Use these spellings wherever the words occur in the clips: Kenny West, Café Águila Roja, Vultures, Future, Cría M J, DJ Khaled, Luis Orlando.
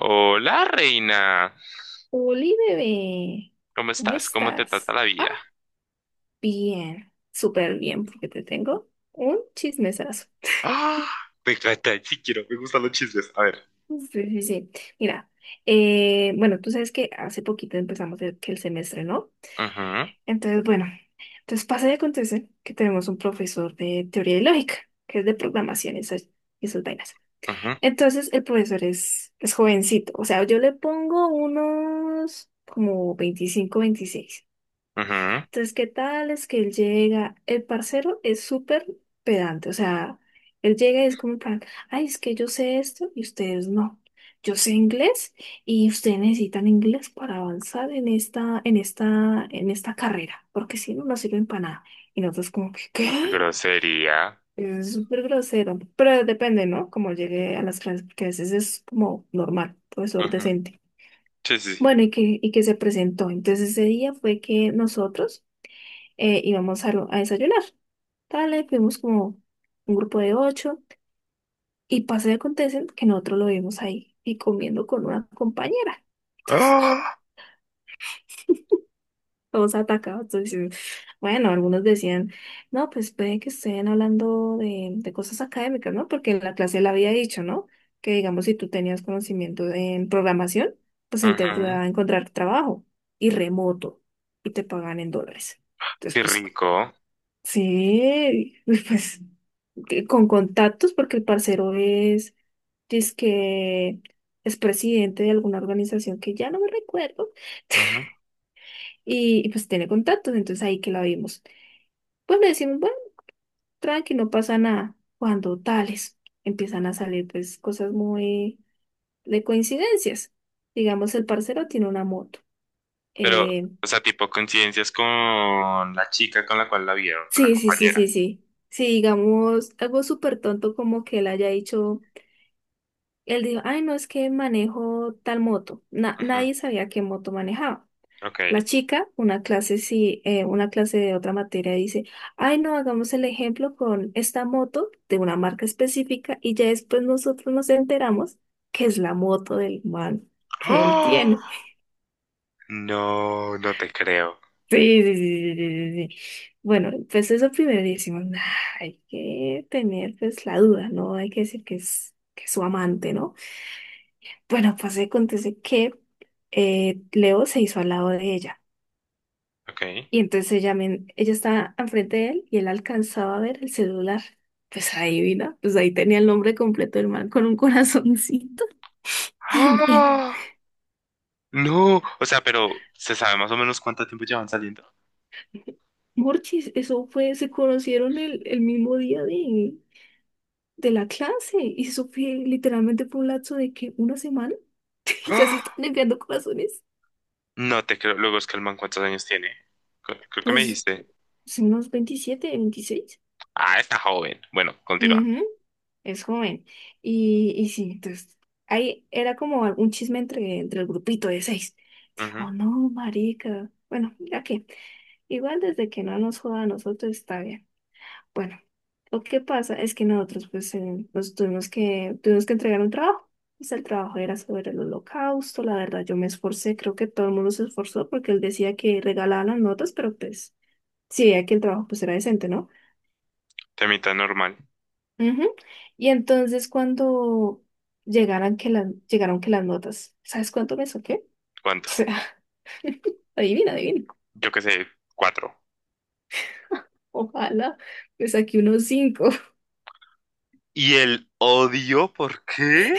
Hola, reina. Oli, bebé, ¿Cómo ¿cómo estás? ¿Cómo te trata estás? la Ah, vida? bien, súper bien, porque te tengo un chismesazo. ¡Ah! Me encanta, sí quiero, me gustan los chismes. A ver. Sí, sí, sí. Mira, bueno, tú sabes que hace poquito empezamos que el semestre, ¿no? Ujú, Entonces, bueno, entonces pasa y acontece que tenemos un profesor de teoría y lógica, que es de programación y esas vainas. ujú, Entonces, el profesor es jovencito, o sea, yo le pongo unos como 25, 26. ujú. Entonces, ¿qué tal? Es que él llega, el parcero es súper pedante, o sea, él llega y es como en plan, ay, es que yo sé esto y ustedes no. Yo sé inglés y ustedes necesitan inglés para avanzar en esta carrera, porque si no, no sirven para nada. Y nosotros como que, ¿qué? Grosería. Es súper grosero, pero depende, ¿no? Como llegue a las clases, porque a veces es como normal, profesor Ujú. decente. Sí, sí, Bueno, sí. y que se presentó. Entonces ese día fue que nosotros íbamos a desayunar. Dale, fuimos como un grupo de ocho y pasa y acontece que nosotros lo vimos ahí y comiendo con una compañera. Entonces, ¡Ah! todos atacados. Entonces, bueno, algunos decían, no, pues puede que estén hablando de cosas académicas, ¿no? Porque en la clase le había dicho, ¿no? Que digamos, si tú tenías conocimiento en programación, pues él te Ujú. ayudaba a encontrar trabajo y remoto y te pagan en dólares. Entonces, Qué pues, rico. sí, pues. Que- con contactos, porque el parcero es, que es presidente de alguna organización que ya no me recuerdo, Ujú. y pues tiene contactos, entonces ahí que la vimos. Pues le decimos, bueno, tranqui, no pasa nada. Cuando tales empiezan a salir pues cosas muy de coincidencias. Digamos, el parcero tiene una moto. Pero, Eh, o sea, tipo coincidencias con la chica con la cual la vieron, con la sí, sí, sí, compañera. sí, sí. Sí, digamos, algo súper tonto como que él haya dicho. Él dijo, ay, no, es que manejo tal moto. Na- Ujú. nadie sabía qué moto manejaba. Ok. La chica, una clase, sí, una clase de otra materia, dice, ay, no, hagamos el ejemplo con esta moto de una marca específica y ya después nosotros nos enteramos que es la moto del man que él ¡Ah! tiene. No, no te creo. Sí, sí, sí, sí, sí, sí, sí. Bueno, pues eso primero decimos, "Nah, hay que tener pues la duda, ¿no? Hay que decir que es, su amante, ¿no? Bueno, pues acontece que Leo se hizo al lado de ella Ok. y entonces ella estaba enfrente de él y él alcanzaba a ver el celular. Pues adivina, pues ahí tenía el nombre completo del man con un corazoncito y bien. ¡Ah! No, o sea, pero ¿se sabe más o menos cuánto tiempo llevan saliendo? Morchis, eso fue, se conocieron el mismo día de la clase y eso fue literalmente por un lapso de que una semana y ya se ¡Ah! están enviando corazones. No te creo. Luego es que el man, ¿cuántos años tiene? Creo que me Pues dijiste. son unos 27 26. Ah, está joven. Bueno, continúa. Ujú. Es joven. Y sí, entonces ahí era como algún chisme entre el grupito de seis. Ujú. Dijo, no, marica. Bueno, ya que igual desde que no nos joda a nosotros está bien. Bueno, lo que pasa es que nosotros pues nos tuvimos que entregar un trabajo. Pues el trabajo era sobre el holocausto, la verdad yo me esforcé, creo que todo el mundo se esforzó porque él decía que regalaban las notas, pero pues sí, veía que el trabajo pues era decente, ¿no? Temita normal. Ujú. Y entonces cuando llegaran que las, llegaron que las notas, ¿sabes cuánto me saqué? ¿Cuánto? O sea, adivina, adivina. Yo qué sé, cuatro. Ojalá, me saqué unos cinco. ¿Y el odio? ¿Por qué?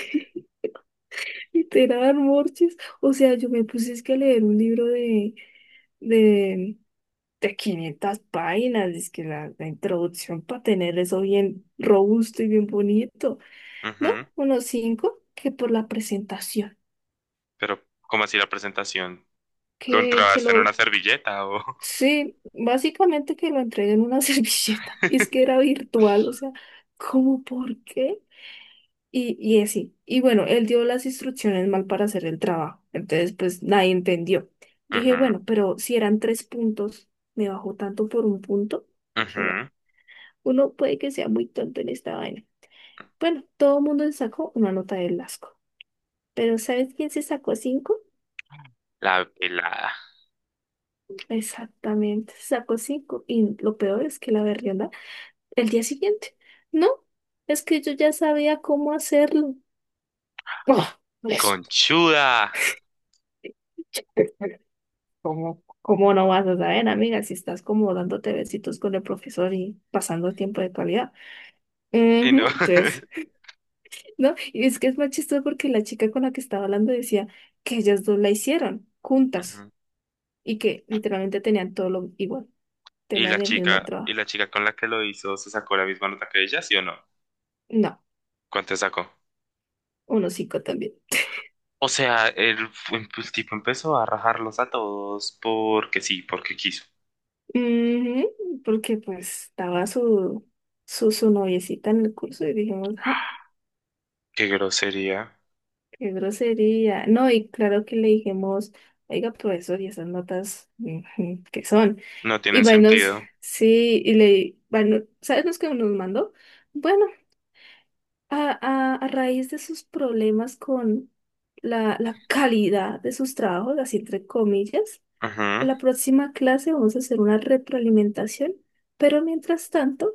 Literal, Morches. O sea, yo me puse es que a leer un libro de, de 500 páginas. Es que la introducción para tener eso bien robusto y bien bonito. ¿No? Ujú. Unos cinco que por la presentación. Pero ¿cómo así la presentación? ¿Lo Que entraste en una lo servilleta o...? sí, básicamente que lo entregué en una servilleta. Y es que era virtual, o sea, ¿cómo por qué? Y así. Y bueno, él dio las instrucciones mal para hacer el trabajo. Entonces, pues nadie entendió. Dije, Ujú, bueno, pero si eran tres puntos, me bajó tanto por un punto. Dije, bueno, ujú. uno puede que sea muy tonto en esta vaina. Bueno, todo el mundo se sacó una nota del asco. Pero ¿sabes quién se sacó cinco? La pelada. Exactamente, se sacó cinco. Y lo peor es que la verdad el día siguiente. No, es que yo ya sabía cómo hacerlo. Ah, pues, Conchuda. ¿cómo, ¿cómo no vas a saber, amiga, si estás como dándote besitos con el profesor y pasando tiempo de calidad? Sí, ¿no? Ujú, entonces, ¿no? Y es que es más chistoso porque la chica con la que estaba hablando decía que ellas dos la hicieron juntas Ujú. y que literalmente tenían todo lo igual, tenían el mismo Y trabajo. la chica con la que lo hizo, ¿se sacó la misma nota que ella, sí o no? No, ¿Cuánto sacó? unos cinco también. O sea, el tipo empezó a rajarlos a todos porque sí, porque quiso. Ujú, porque pues estaba su noviecita en el curso y dijimos, ja, Qué grosería. qué grosería. No, y claro que le dijimos, oiga, profesor, ¿y esas notas ujú, qué son? No tienen Y bueno, sentido. sí, y le, bueno, ¿sabes los que nos mandó? Bueno, a raíz de sus problemas con la calidad de sus trabajos, así entre comillas, Ajá. la próxima clase vamos a hacer una retroalimentación, pero mientras tanto,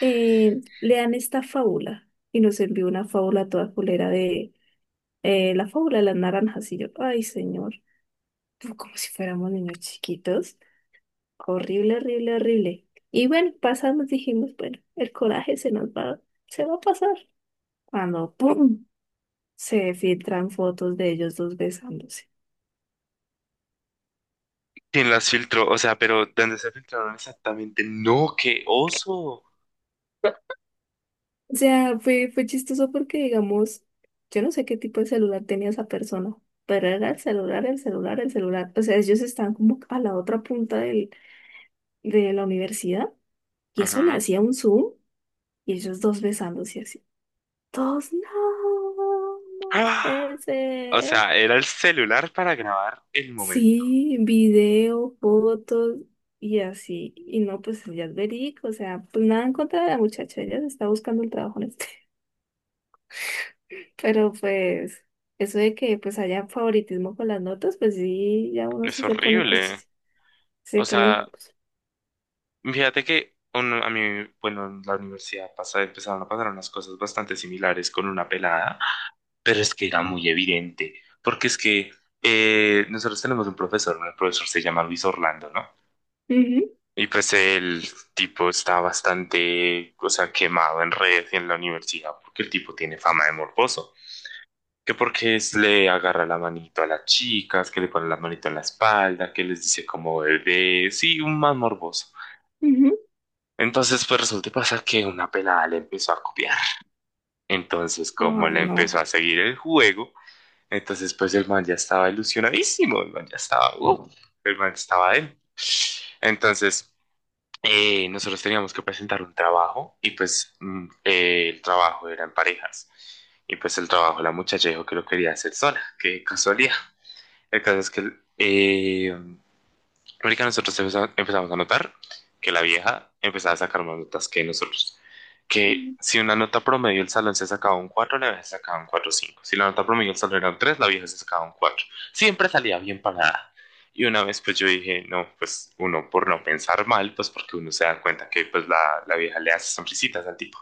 lean esta fábula y nos envió una fábula toda culera de la fábula de las naranjas y yo, ay señor, pues, como si fuéramos niños chiquitos, horrible, horrible, horrible. Y bueno, pasamos, dijimos, bueno, el coraje se nos va, se va a pasar. Cuando, ¡pum! Se filtran fotos de ellos dos besándose. ¿Quién las filtró? O sea, pero ¿dónde se filtraron exactamente? No, qué oso. O sea, fue, fue chistoso porque, digamos, yo no sé qué tipo de celular tenía esa persona, pero era el celular, el celular, el celular. O sea, ellos estaban como a la otra punta del, de la universidad y eso le Ajá. hacía un zoom y ellos dos besándose así. Todos, no, no ¡Ah! puede O ser. sea, era el celular para grabar el momento. Sí, video, fotos y así. Y no, pues ya es verídico. O sea, pues nada en contra de la muchacha, ella se está buscando el trabajo en este. Pero pues, eso de que pues haya favoritismo con las notas, pues sí, ya uno Es sí se pone, pues, horrible. chis- se O pone, sea, pues, fíjate que uno, a mí, bueno, en la universidad pasa, empezaron a pasar unas cosas bastante similares con una pelada. Pero es que era muy evidente, porque es que nosotros tenemos un profesor, ¿no? El profesor se llama Luis Orlando, ¿no? ujú, Y pues el tipo está bastante, o sea, quemado en redes y en la universidad, porque el tipo tiene fama de morboso. Que porque le agarra la manito a las chicas, que le pone la manito en la espalda, que les dice como bebé, sí, un más morboso. ujú. Entonces, pues resulta y pasa que una pelada le empezó a copiar. Entonces, como Ay, le empezó no. a seguir el juego, entonces pues el man ya estaba ilusionadísimo, el man ya estaba, el man estaba él. Entonces, nosotros teníamos que presentar un trabajo y pues el trabajo era en parejas. Y pues el trabajo, la muchacha dijo que lo quería hacer sola, qué casualidad. El caso es que eh, marica, nosotros empezamos a notar que la vieja empezaba a sacar más notas que nosotros. Que si una nota promedio el salón se sacaba un 4, la vieja se sacaba un cuatro cinco. Si la nota promedio el salón era un 3, la vieja se sacaba un 4. Siempre salía bien parada. Y una vez pues yo dije, no, pues uno por no pensar mal, pues porque uno se da cuenta que pues la vieja le hace sonrisitas al tipo.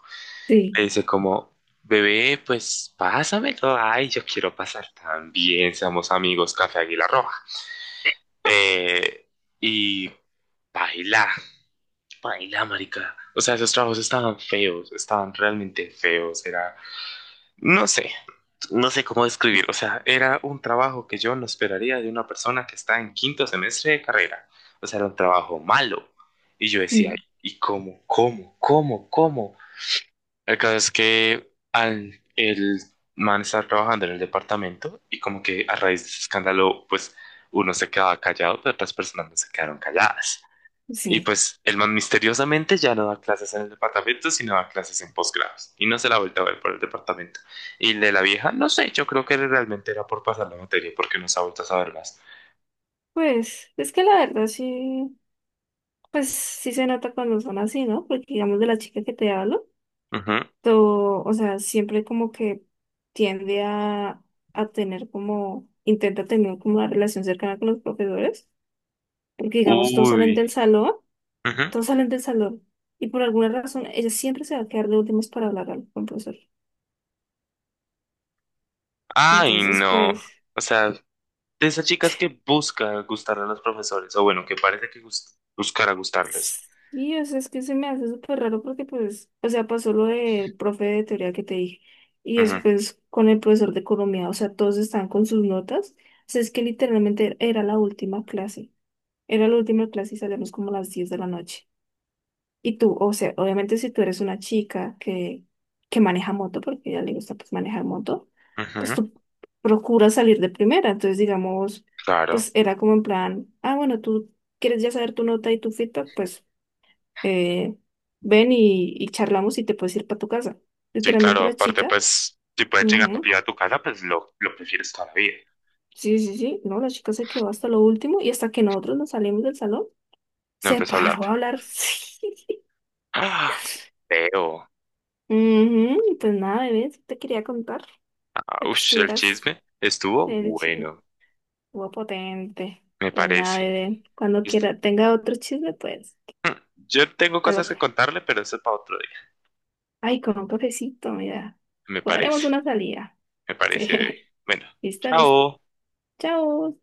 Sí, Le dice como, bebé, pues pásamelo. Ay, yo quiero pasar también. Seamos amigos, Café Águila Roja. Eh, y baila, baila, marica. O sea, esos trabajos estaban feos, estaban realmente feos. Era, no sé, no sé cómo describir. O sea, era un trabajo que yo no esperaría de una persona que está en quinto semestre de carrera. O sea, era un trabajo malo. Y yo decía, sí, ¿y cómo, cómo, cómo, cómo? El caso es que al el man estaba trabajando en el departamento y como que a raíz de ese escándalo, pues uno se quedaba callado, pero otras personas no se quedaron calladas. Y sí. pues el man misteriosamente ya no da clases en el departamento, sino da clases en posgrados. Y no se la ha vuelto a ver por el departamento. Y el de la vieja, no sé, yo creo que realmente era por pasar la materia, porque no se ha vuelto a saber más. Pues, es que la verdad sí, pues sí se nota cuando son así, ¿no? Porque digamos de la chica que te hablo, Ujú. todo, o sea, siempre como que tiende a tener como, intenta tener como una relación cercana con los profesores, porque digamos todos salen Uy. del salón. Ujú. Todos salen del salón y por alguna razón ella siempre se va a quedar de últimas para hablar con el profesor. Ay, Entonces, no. pues, O sea, de esas chicas que busca gustar a los profesores, o bueno, que parece que buscar a gustarles. y o sea, es que se me hace súper raro porque, pues, o sea, pasó lo del profe de teoría que te dije y después con el profesor de economía, o sea, todos están con sus notas. O sea, es que literalmente era la última clase, era la última clase y salíamos como a las 10 de la noche. Y tú, o sea, obviamente si tú eres una chica que maneja moto, porque a ella le gusta pues manejar moto, Ujú, pues ujú, tú procuras salir de primera. Entonces, digamos, claro. pues era como en plan, ah, bueno, tú quieres ya saber tu nota y tu feedback, pues eh, ven y charlamos y te puedes ir para tu casa. Sí, Literalmente claro. la Aparte, chica, pues, si puedes llegar ujú, rápido a tu casa, pues lo prefieres toda la vida. sí, sí, sí, no, la chica se quedó hasta lo último y hasta que nosotros nos salimos del salón, No se empiezo a hablar. paró a hablar. Sí, sí. ¡Ah! Feo. Ujú, pues nada, bebé, eso te quería contar. Para que Ush, el estuvieras, chisme estuvo el chisme bueno, estuvo potente. me Pues nada, parece. bebé, cuando Es- quiera, tenga otro chisme, pues, Mm, Yo tengo te lo- cosas que contarle, pero eso es para otro día. ay, con un cafecito, mira, Me parece, cuadremos una salida. me Sí, parece, bebé. Bueno, listo, listo. chao. Chao.